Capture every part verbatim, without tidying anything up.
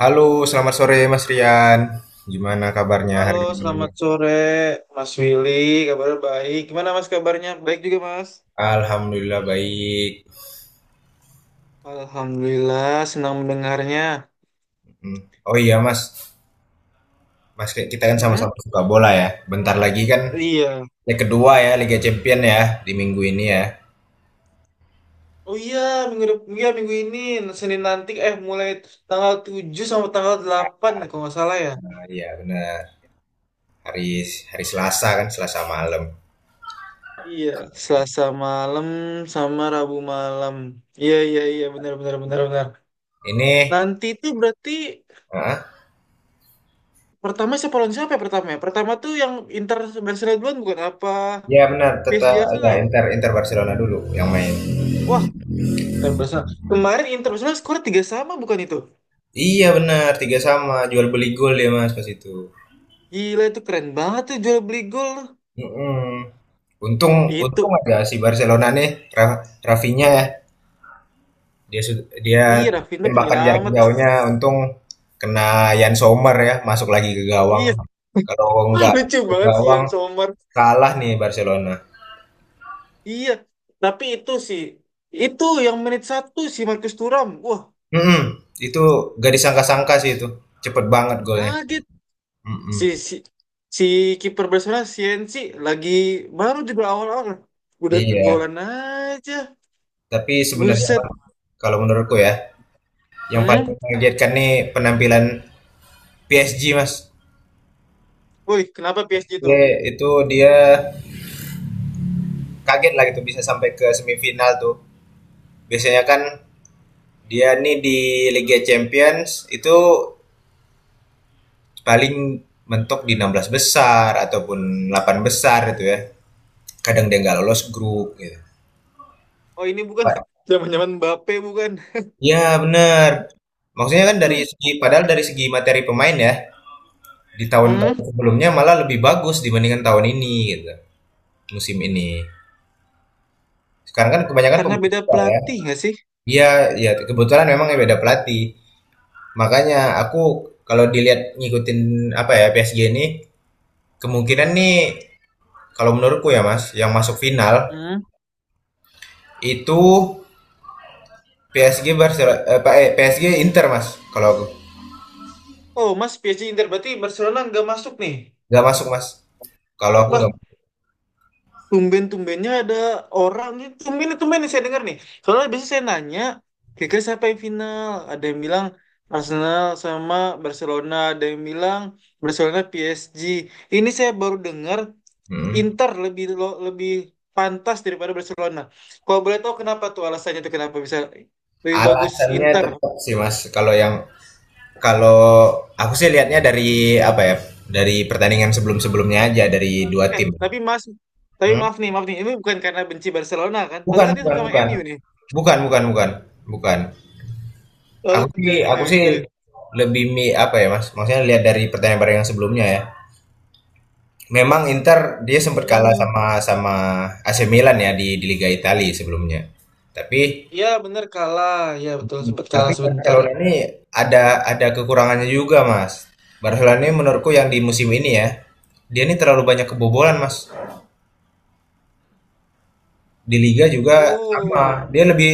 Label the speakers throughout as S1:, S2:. S1: Halo, selamat sore Mas Rian. Gimana kabarnya
S2: Halo,
S1: hari ini?
S2: selamat sore Mas Willy. Kabar baik. Gimana Mas kabarnya? Baik juga Mas.
S1: Alhamdulillah baik.
S2: Alhamdulillah, senang mendengarnya.
S1: Hmm. Oh iya Mas, Mas kita kan
S2: Hmm?
S1: sama-sama suka bola ya. Bentar lagi kan
S2: Iya.
S1: leg kedua ya Liga Champion ya di minggu ini ya.
S2: Oh iya, minggu dep- iya, minggu ini Senin nanti eh mulai tanggal tujuh sampai tanggal delapan, ya, kalau nggak salah ya.
S1: Nah, iya benar. Hari hari Selasa kan Selasa malam.
S2: Iya, Selasa malam sama Rabu malam. Iya, iya, iya, benar benar benar benar.
S1: Ini,
S2: Nanti itu berarti
S1: ah,
S2: pertama siapa lawan siapa ya pertama ya? Pertama tuh yang Inter Barcelona duluan bukan apa
S1: iya benar.
S2: P S G
S1: Tetap ya
S2: Arsenal?
S1: Inter Inter Barcelona dulu yang main.
S2: Wah, eh, Barcelona. Kemarin Internasional skor tiga sama bukan itu?
S1: Iya benar, tiga sama jual beli gol ya Mas pas itu.
S2: Gila itu keren banget tuh jual beli gol.
S1: Mm-mm. Untung untung
S2: Itu.
S1: ada si Barcelona nih, Ra Rafinya ya. Dia sud dia
S2: Iya Rafinha
S1: tembakan jarak
S2: penyelamat.
S1: jauhnya untung kena Yann Sommer ya, masuk lagi ke gawang.
S2: Iya.
S1: Kalau enggak
S2: Lucu
S1: ke
S2: banget si
S1: gawang
S2: Ian Sommer.
S1: kalah nih Barcelona.
S2: Iya. Tapi itu sih. Itu yang menit satu si Marcus Thuram. Wah
S1: Mhm, itu gak disangka-sangka sih itu. Cepet banget golnya.
S2: kaget.
S1: Mhm,
S2: Si si si kiper Barcelona C N C lagi baru juga awal-awal. Udah
S1: iya.
S2: kegolan aja.
S1: Tapi sebenarnya,
S2: Buset.
S1: Bang, kalau menurutku ya, yang paling
S2: Hmm?
S1: mengagetkan nih penampilan P S G, Mas.
S2: Woi, kenapa P S G
S1: Ye
S2: tuh?
S1: itu dia kaget lah gitu bisa sampai ke semifinal tuh. Biasanya kan dia nih di Liga Champions itu paling mentok di enam belas besar ataupun delapan besar itu ya. Kadang dia nggak lolos grup gitu.
S2: Oh ini bukan
S1: Pa-
S2: zaman-zaman Mbappe bukan?
S1: Ya bener. Maksudnya kan dari
S2: Hmm?
S1: segi padahal dari segi materi pemain ya di
S2: Hmm?
S1: tahun-tahun sebelumnya malah lebih bagus dibandingkan tahun ini gitu musim ini. Sekarang kan kebanyakan
S2: Karena
S1: pemain
S2: beda
S1: kita ya.
S2: pelatih nggak sih?
S1: Iya, ya kebetulan memang ya beda pelatih. Makanya aku kalau dilihat ngikutin apa ya P S G ini kemungkinan nih kalau menurutku ya mas yang masuk final
S2: Hmm.
S1: itu P S G Barcelona eh, pa- eh, P S G Inter mas kalau aku
S2: Oh, Mas P S G Inter berarti Barcelona nggak masuk nih.
S1: nggak masuk mas kalau aku
S2: Wah,
S1: nggak
S2: tumben-tumbennya ada orang nih. Tumben tumben nih saya dengar nih. Soalnya biasanya saya nanya, kira-kira siapa yang final? Ada yang bilang Arsenal sama Barcelona, ada yang bilang Barcelona P S G. Ini saya baru dengar
S1: Mm.
S2: Inter lebih lo- lebih pantas daripada Barcelona. Kalau boleh tahu kenapa tuh alasannya tuh kenapa bisa lebih bagus
S1: Alasannya
S2: Inter.
S1: tetap sih mas kalau yang kalau aku sih lihatnya dari apa ya dari pertandingan sebelum-sebelumnya aja dari dua
S2: Eh,
S1: tim.
S2: tapi Mas, tapi
S1: Hmm?
S2: maaf nih, maaf nih. Ini bukan karena benci Barcelona kan? Padahal
S1: Bukan
S2: kan dia
S1: bukan
S2: sama-sama
S1: bukan
S2: M U nih.
S1: bukan bukan bukan bukan. aku
S2: Oke,
S1: sih
S2: oke,
S1: aku sih
S2: oke.
S1: lebih mi apa ya mas maksudnya lihat dari pertandingan pertandingan sebelumnya ya. Memang Inter dia sempat kalah
S2: Hmm,
S1: sama sama A C Milan ya di, di Liga Italia sebelumnya. Tapi
S2: ya bener kalah. Ya betul,
S1: Hmm.
S2: sempat kalah
S1: tapi
S2: sebentar.
S1: Barcelona ini ada ada kekurangannya juga, Mas. Barcelona ini menurutku yang di musim ini ya, dia ini terlalu banyak kebobolan, Mas. Di liga juga
S2: Oh,
S1: sama. Dia lebih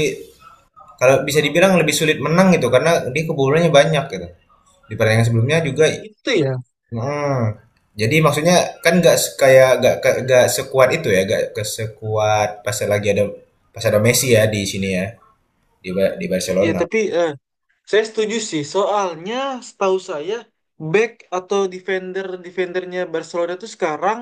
S1: kalau bisa dibilang lebih sulit menang gitu karena dia kebobolannya banyak gitu. Di pertandingan sebelumnya juga.
S2: oh gitu ya.
S1: Heeh. Jadi maksudnya kan nggak se- kayak nggak ke- nggak sekuat itu ya, nggak ke sekuat pas lagi ada pas ada Messi ya di sini ya di Ba- di
S2: Ya
S1: Barcelona.
S2: tapi eh, saya setuju sih. Soalnya setahu saya back atau defender defendernya Barcelona tuh sekarang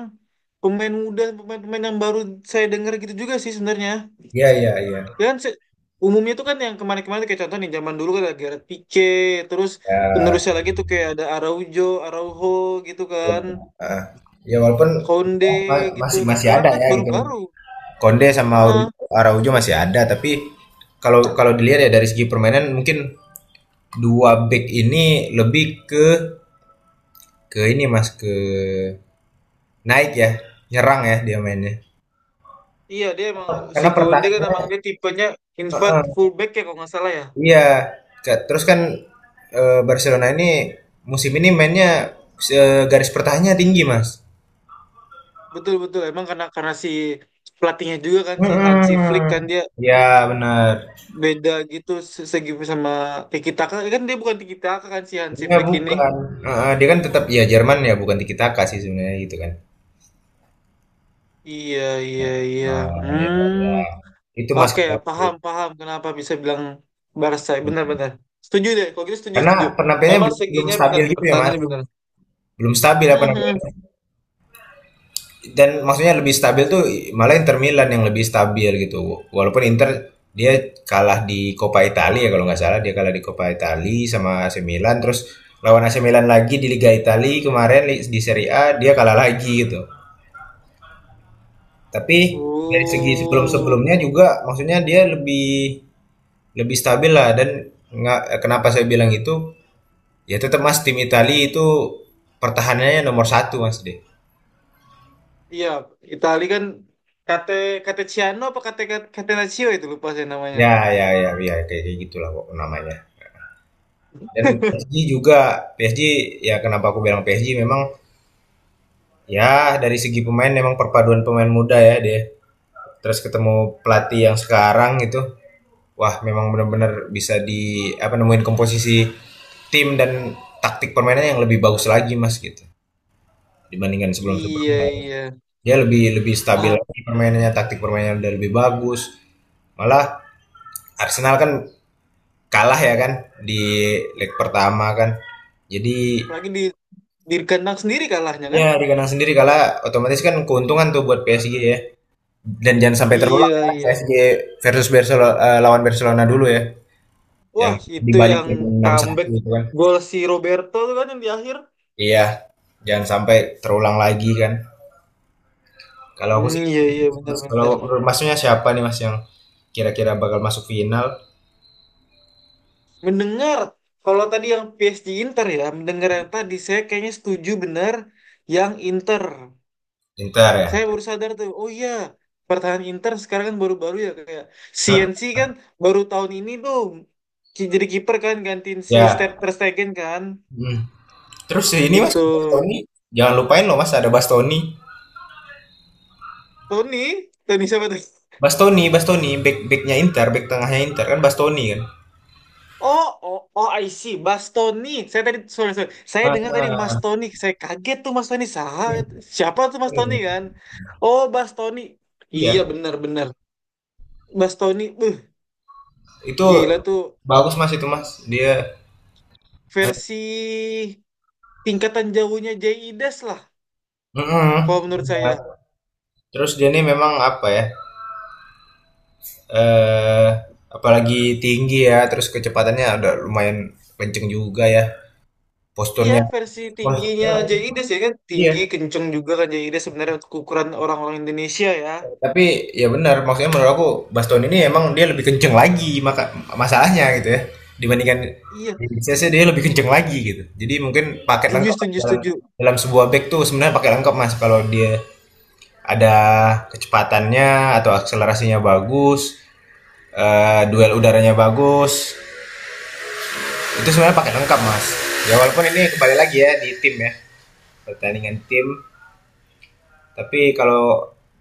S2: pemain muda, pemain-pemain yang baru saya dengar gitu juga sih sebenarnya.
S1: Iya iya iya.
S2: Ya kan se- umumnya tuh kan yang kemarin-kemarin tuh kayak contoh nih zaman dulu kan ada Gareth Pique, terus penerusnya
S1: Ya,
S2: lagi tuh kayak ada Araujo, Araujo gitu
S1: ya.
S2: kan,
S1: Ah. Ya, walaupun
S2: Konde
S1: ma-
S2: gitu.
S1: masih
S2: Nah
S1: masih
S2: sekarang
S1: ada
S2: kan
S1: ya gitu.
S2: baru-baru.
S1: Konde sama
S2: Heeh.
S1: Aur- Araujo masih ada, tapi kalau kalau dilihat ya dari segi permainan mungkin dua back ini lebih ke ke ini Mas ke naik ya, nyerang ya dia mainnya.
S2: Iya dia emang si
S1: Karena
S2: Konde kan
S1: pertahanannya.
S2: emang dia tipenya invert fullback ya kalau nggak salah ya.
S1: Iya, ka- terus kan eh, Barcelona ini musim ini mainnya se- garis pertahanannya tinggi, Mas.
S2: Betul betul emang karena karena si pelatihnya juga kan si Hansi Flick
S1: Mm-mm.
S2: kan dia
S1: Ya benar.
S2: beda gitu se- segi sama Tiki Taka kan dia bukan Tiki Taka kan si Hansi
S1: Iya
S2: Flick ini.
S1: bukan. Heeh, dia kan tetap ya Jerman ya bukan tiki taka sih sebenarnya gitu kan.
S2: Iya iya iya.
S1: Nah,
S2: Hmm.
S1: ya, ya. Itu Mas
S2: Oke,
S1: kata aku.
S2: paham, paham kenapa bisa bilang Barca. Benar-benar. Setuju deh, kalau gitu setuju,
S1: Karena
S2: setuju.
S1: penampilannya
S2: Emang
S1: belum belum
S2: seginya benar,
S1: stabil gitu ya Mas.
S2: pertahanannya benar.
S1: Belum stabil apa namanya?
S2: Mhm.
S1: Dan maksudnya lebih stabil tuh malah Inter Milan yang lebih stabil gitu. Walaupun Inter dia kalah di Coppa Italia ya kalau nggak salah dia kalah di Coppa Italia sama A C Milan terus lawan A C Milan lagi di Liga Italia kemarin di Serie A dia kalah lagi gitu. Tapi dari segi
S2: Oh,
S1: sebelum-sebelumnya juga maksudnya dia lebih lebih stabil lah dan nggak kenapa saya bilang itu ya tetap Mas tim Italia itu pertahanannya nomor satu Mas deh.
S2: iya. Itali kan Kate Kateciano apa Kate Catenaccio itu lupa saya namanya.
S1: Ya ya ya ya kayak kayak gitulah kok namanya. Dan P S G juga, P S G ya kenapa aku bilang P S G memang ya dari segi pemain memang perpaduan pemain muda ya dia. Terus ketemu pelatih yang sekarang gitu. Wah, memang benar-benar bisa di apa nemuin komposisi tim dan taktik permainannya yang lebih bagus lagi Mas gitu dibandingkan
S2: Iya,
S1: sebelum-sebelumnya.
S2: iya.
S1: Dia lebih lebih stabil
S2: Nah,
S1: lagi permainannya, taktik permainannya udah lebih bagus. Malah Arsenal kan kalah ya kan di leg pertama kan. Jadi
S2: apalagi di di kandang sendiri kalahnya
S1: iya,
S2: kan?
S1: di kandang sendiri kalah otomatis kan keuntungan tuh buat P S G ya. Dan jangan sampai terulang
S2: Iya,
S1: kan
S2: iya.
S1: P S G versus Barcelona eh, lawan Barcelona dulu ya yang
S2: Wah, itu yang
S1: dibalikin enam satu
S2: comeback
S1: itu kan.
S2: gol si Roberto tuh kan yang di akhir.
S1: Iya, jangan sampai terulang lagi kan. Kalau aku sih
S2: Hmm, iya, iya,
S1: itu, Mas. Kalau
S2: benar-benar.
S1: menurut masnya siapa nih Mas yang kira-kira bakal masuk final?
S2: Mendengar, kalau tadi yang P S G Inter ya, mendengar yang tadi saya kayaknya setuju benar yang Inter.
S1: Inter
S2: Saya
S1: ya.
S2: baru sadar tuh, oh iya, pertahanan Inter sekarang kan baru-baru ya kayak
S1: Hah?
S2: C N C kan baru tahun ini tuh ki- jadi kiper kan gantiin si Ter
S1: Ya.
S2: Ter Stegen kan
S1: Hmm. Terus ini Mas
S2: gitu.
S1: Bastoni, jangan lupain loh Mas ada Bastoni.
S2: Tony, Tony siapa tuh?
S1: Bastoni, Bastoni, back backnya Inter, back tengahnya Inter kan Bastoni kan.
S2: Oh, oh, oh, I see. Mas Tony. Saya tadi, sorry, sorry. Saya dengar tadi Mas Tony. Saya kaget tuh Mas Tony. Sa- Siapa tuh Mas Tony
S1: Ah,
S2: kan? Oh, Mas Tony. Iya,
S1: iya,
S2: benar-benar. Mas Tony, uh,
S1: itu
S2: gila tuh.
S1: bagus, Mas, itu, Mas. Dia
S2: Versi tingkatan jauhnya Jaides lah. Kalau
S1: mhm,
S2: menurut
S1: benar.
S2: saya.
S1: Terus dia nih memang apa ya, eee, apalagi tinggi ya, terus kecepatannya ada lumayan kenceng juga ya,
S2: Iya,
S1: posturnya
S2: versi
S1: wah
S2: tingginya
S1: heeh,
S2: Jaides ya kan.
S1: iya.
S2: Tinggi, kenceng juga kan Jaides sebenarnya untuk ukuran orang-orang Indonesia ya.
S1: Tapi ya benar, maksudnya menurut aku Baston ini emang dia lebih kenceng lagi maka masalahnya gitu ya, dibandingkan
S2: Iya,
S1: C C dia lebih kenceng lagi gitu. Jadi mungkin paket
S2: setuju,
S1: lengkap
S2: setuju,
S1: dalam
S2: setuju.
S1: dalam sebuah bag tuh sebenarnya paket lengkap, Mas, kalau dia ada kecepatannya atau akselerasinya bagus, eh, duel udaranya bagus. Itu sebenarnya paket lengkap, Mas. Ya walaupun ini kembali lagi ya di tim ya, pertandingan tim. Tapi kalau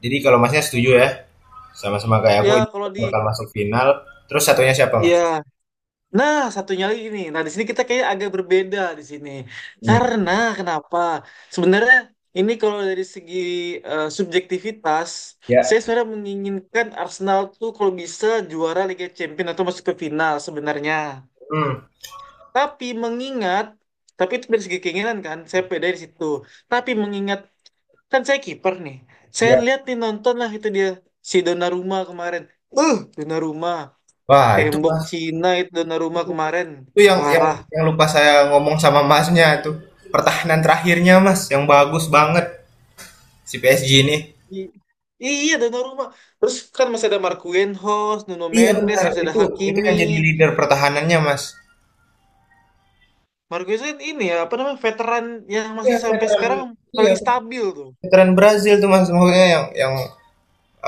S1: jadi kalau Masnya setuju ya, sama-sama kayak aku
S2: Ya,
S1: ini
S2: kalau di.
S1: bakal masuk final. Terus satunya siapa,
S2: Ya,
S1: Mas?
S2: nah, satunya lagi nih. Nah, di sini kita kayak agak berbeda di sini.
S1: Hmm.
S2: Karena kenapa? Sebenarnya ini kalau dari segi eh, subjektivitas,
S1: Ya.
S2: saya sebenarnya menginginkan Arsenal tuh kalau bisa juara Liga Champions atau masuk ke final sebenarnya.
S1: Hmm.
S2: Tapi mengingat, tapi itu dari segi keinginan kan, saya beda di situ. Tapi mengingat, kan saya kiper nih. Saya
S1: Ya.
S2: lihat nih nonton lah itu dia si Donnarumma kemarin. Uh, Donnarumma,
S1: Wah, itu
S2: tembok
S1: Mas.
S2: Cina itu Donnarumma
S1: Itu,
S2: kemarin.
S1: itu yang yang
S2: Parah.
S1: yang lupa saya ngomong sama Masnya tuh. Pertahanan terakhirnya, Mas, yang bagus banget si P S G ini.
S2: I- Iya Donnarumma. Terus kan masih ada Marquinhos, Nuno
S1: Iya
S2: Mendes,
S1: benar,
S2: masih ada
S1: itu itu
S2: Hakimi.
S1: yang jadi leader pertahanannya, Mas.
S2: Marquinhos kan ini ya, apa namanya, veteran yang
S1: Iya,
S2: masih sampai
S1: veteran
S2: sekarang
S1: iya,
S2: paling stabil tuh.
S1: veteran Brazil tuh Mas, maksudnya yang yang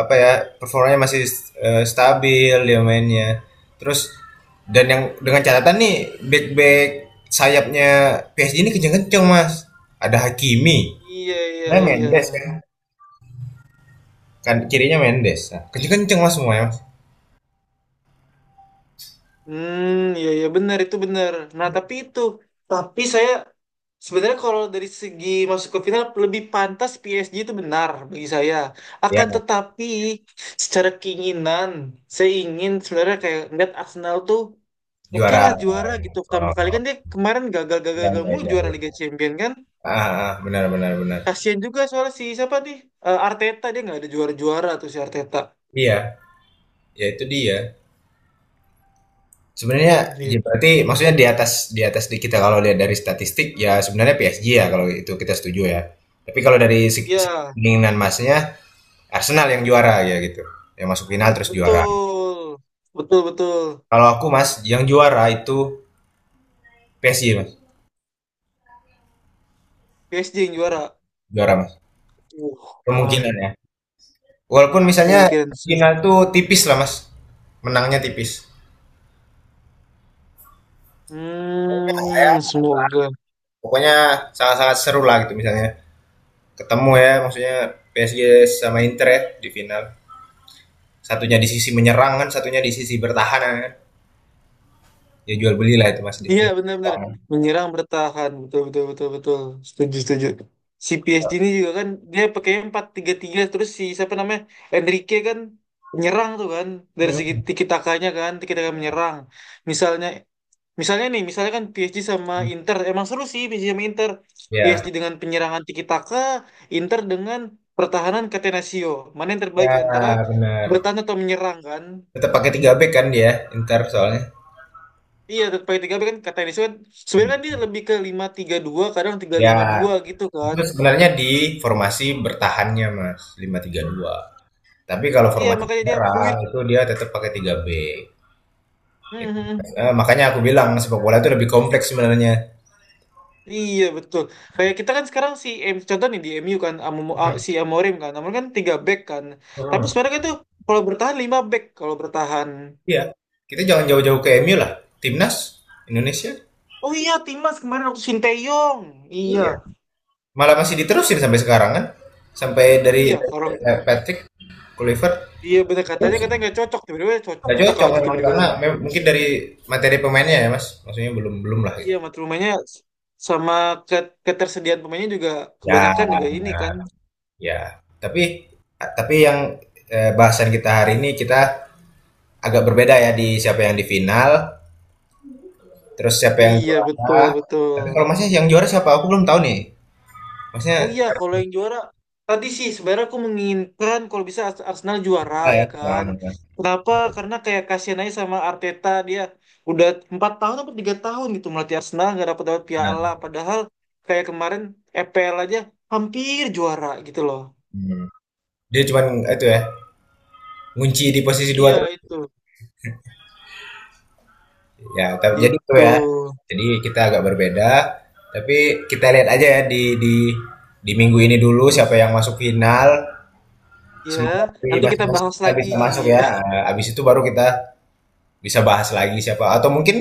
S1: apa ya, performanya masih eh, stabil dia mainnya. Terus dan yang dengan catatan nih back-back sayapnya P S G ini kenceng-kenceng, Mas. Ada Hakimi,
S2: Iya, iya,
S1: nah
S2: iya.
S1: Mendes kan. Kan kirinya Mendes. Nah, kenceng-kenceng Mas semua ya, Mas.
S2: Hmm, iya iya benar itu benar. Nah, tapi itu tapi saya sebenarnya kalau dari segi masuk ke final lebih pantas P S G itu benar bagi saya.
S1: Ya,
S2: Akan tetapi secara keinginan saya ingin sebenarnya kayak ngeliat Arsenal tuh oke
S1: juara.
S2: lah juara gitu. Pertama kali
S1: Oh,
S2: kan dia kemarin
S1: ya,
S2: gagal-gagal
S1: ya,
S2: mulu
S1: ya.
S2: juara Liga Champion kan.
S1: Ah, ah, benar benar benar.
S2: Kasian juga soalnya si siapa nih? Eh, Arteta dia nggak ada juara-juara tuh si Arteta.
S1: Iya, ya itu dia. Sebenarnya ya
S2: Gitu.
S1: berarti maksudnya di atas di atas di kita kalau lihat dari statistik ya sebenarnya P S G ya kalau itu kita setuju ya. Tapi kalau dari se- se-
S2: Iya,
S1: keinginan Masnya Arsenal yang juara ya gitu. Yang masuk final terus juara.
S2: betul. Betul betul.
S1: Kalau aku Mas yang juara itu P S G Mas.
S2: P S G yang juara.
S1: Juara Mas.
S2: Uh, ah,
S1: Kemungkinan ya. Walaupun misalnya
S2: kemungkinan sih.
S1: final tuh tipis lah Mas. Menangnya tipis. Ya,
S2: Hmm,
S1: ya,
S2: semoga.
S1: pokoknya sangat-sangat seru lah gitu misalnya. Ketemu ya maksudnya P S G sama Inter ya di final. Satunya di sisi menyerang kan, satunya di sisi bertahan kan. Ya jual beli lah itu Mas. Dia
S2: Iya
S1: jual
S2: benar-benar
S1: bertahan.
S2: menyerang bertahan betul betul betul betul setuju setuju. Si P S G ini juga kan dia pakai empat tiga tiga terus si siapa namanya Enrique kan menyerang tuh kan dari segi
S1: Mhm.
S2: tiki takanya kan tiki taka menyerang. Misalnya misalnya nih misalnya kan P S G sama Inter emang seru sih P S G sama Inter. P S
S1: Ya,
S2: G dengan penyerangan tiki taka, Inter dengan pertahanan Catenaccio. Mana yang terbaik
S1: ya
S2: antara
S1: benar.
S2: bertahan atau menyerang kan?
S1: Tetap pakai tiga back kan dia Inter soalnya.
S2: Iya, pakai tiga back kan kata Iniesta kan sebenarnya kan
S1: Mhm.
S2: dia lebih ke lima tiga dua kadang tiga
S1: Ya,
S2: lima dua gitu
S1: itu
S2: kan.
S1: sebenarnya di formasi bertahannya Mas, lima tiga dua. Tapi kalau
S2: Iya,
S1: formasi
S2: makanya dia
S1: menyerang
S2: fluid.
S1: itu dia tetap pakai tiga back. Itu,
S2: Mhm.
S1: eh, makanya aku bilang sepak bola itu lebih kompleks sebenarnya.
S2: Iya, betul. Kayak kita kan sekarang si M contoh nih di M U kan Amo- ah, si Amorim kan. Amorim kan tiga back kan. Tapi
S1: Mhm.
S2: sebenarnya kan itu kalau bertahan lima back kalau bertahan.
S1: Iya. Kita jangan jauh-jauh ke M U lah. Timnas Indonesia.
S2: Oh iya, Timas kemarin waktu Sinteyong. Iya.
S1: Iya. Malah masih diterusin sampai sekarang kan? Sampai dari
S2: Iya, orang
S1: eh, Patrick Kluivert
S2: iya bener katanya
S1: terus
S2: katanya nggak cocok tiba-tiba cocok
S1: nggak
S2: cocok
S1: cocok
S2: aja
S1: memang
S2: tiba-tiba.
S1: karena mem- mungkin dari materi pemainnya ya Mas, maksudnya belum belum lah gitu.
S2: Iya, mata pemainnya sama ke- ketersediaan pemainnya juga
S1: Ya,
S2: kebanyakan juga ini
S1: benar.
S2: kan.
S1: Ya. Tapi eh, tapi yang eh, bahasan kita hari ini kita agak berbeda ya di siapa yang di final, terus siapa yang
S2: Iya, betul,
S1: juara.
S2: betul.
S1: Tapi kalau Masnya yang juara siapa? Aku belum tahu nih. Masnya
S2: Oh iya,
S1: siapa
S2: kalau yang juara tadi sih sebenarnya aku menginginkan kalau bisa Ars- Arsenal juara
S1: ya?
S2: ya kan.
S1: Nah,
S2: Kenapa? Karena kayak kasihan aja sama Arteta dia udah empat tahun atau tiga tahun gitu melatih Arsenal nggak dapat dapat piala.
S1: nah.
S2: Padahal kayak kemarin E P L aja hampir juara gitu loh.
S1: Hmm. Dia cuman itu ya, ngunci di posisi dua
S2: Iya
S1: terus.
S2: itu,
S1: Ya, tapi jadi itu
S2: gitu.
S1: ya. Jadi kita agak berbeda, tapi kita lihat aja ya di di di minggu ini dulu siapa yang masuk final. Semoga
S2: Ya,
S1: dari
S2: nanti kita
S1: masing-masing
S2: bahas
S1: kita
S2: lagi.
S1: bisa masuk ya. Eh, habis itu baru kita bisa bahas lagi siapa atau mungkin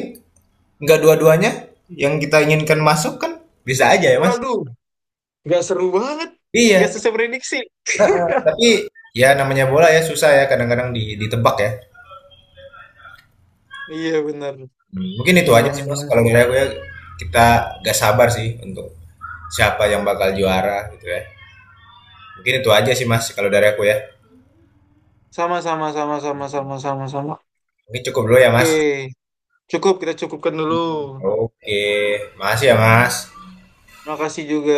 S1: nggak dua-duanya yang kita inginkan masuk kan bisa aja ya Mas.
S2: Waduh. Gak seru banget. Gak
S1: Iya,
S2: sesuai prediksi.
S1: tapi ya namanya bola ya susah ya kadang-kadang di- ditebak ya.
S2: Iya benar.
S1: Hmm. Mungkin itu
S2: Di
S1: aja sih Mas
S2: mana?
S1: kalau dari aku ya kita gak sabar sih untuk siapa yang bakal juara gitu ya. Mungkin itu aja sih Mas kalau dari aku ya.
S2: Sama sama sama sama sama sama sama.
S1: Mungkin cukup dulu ya Mas.
S2: Oke, cukup kita cukupkan dulu.
S1: Oke, makasih ya Mas.
S2: Terima kasih juga.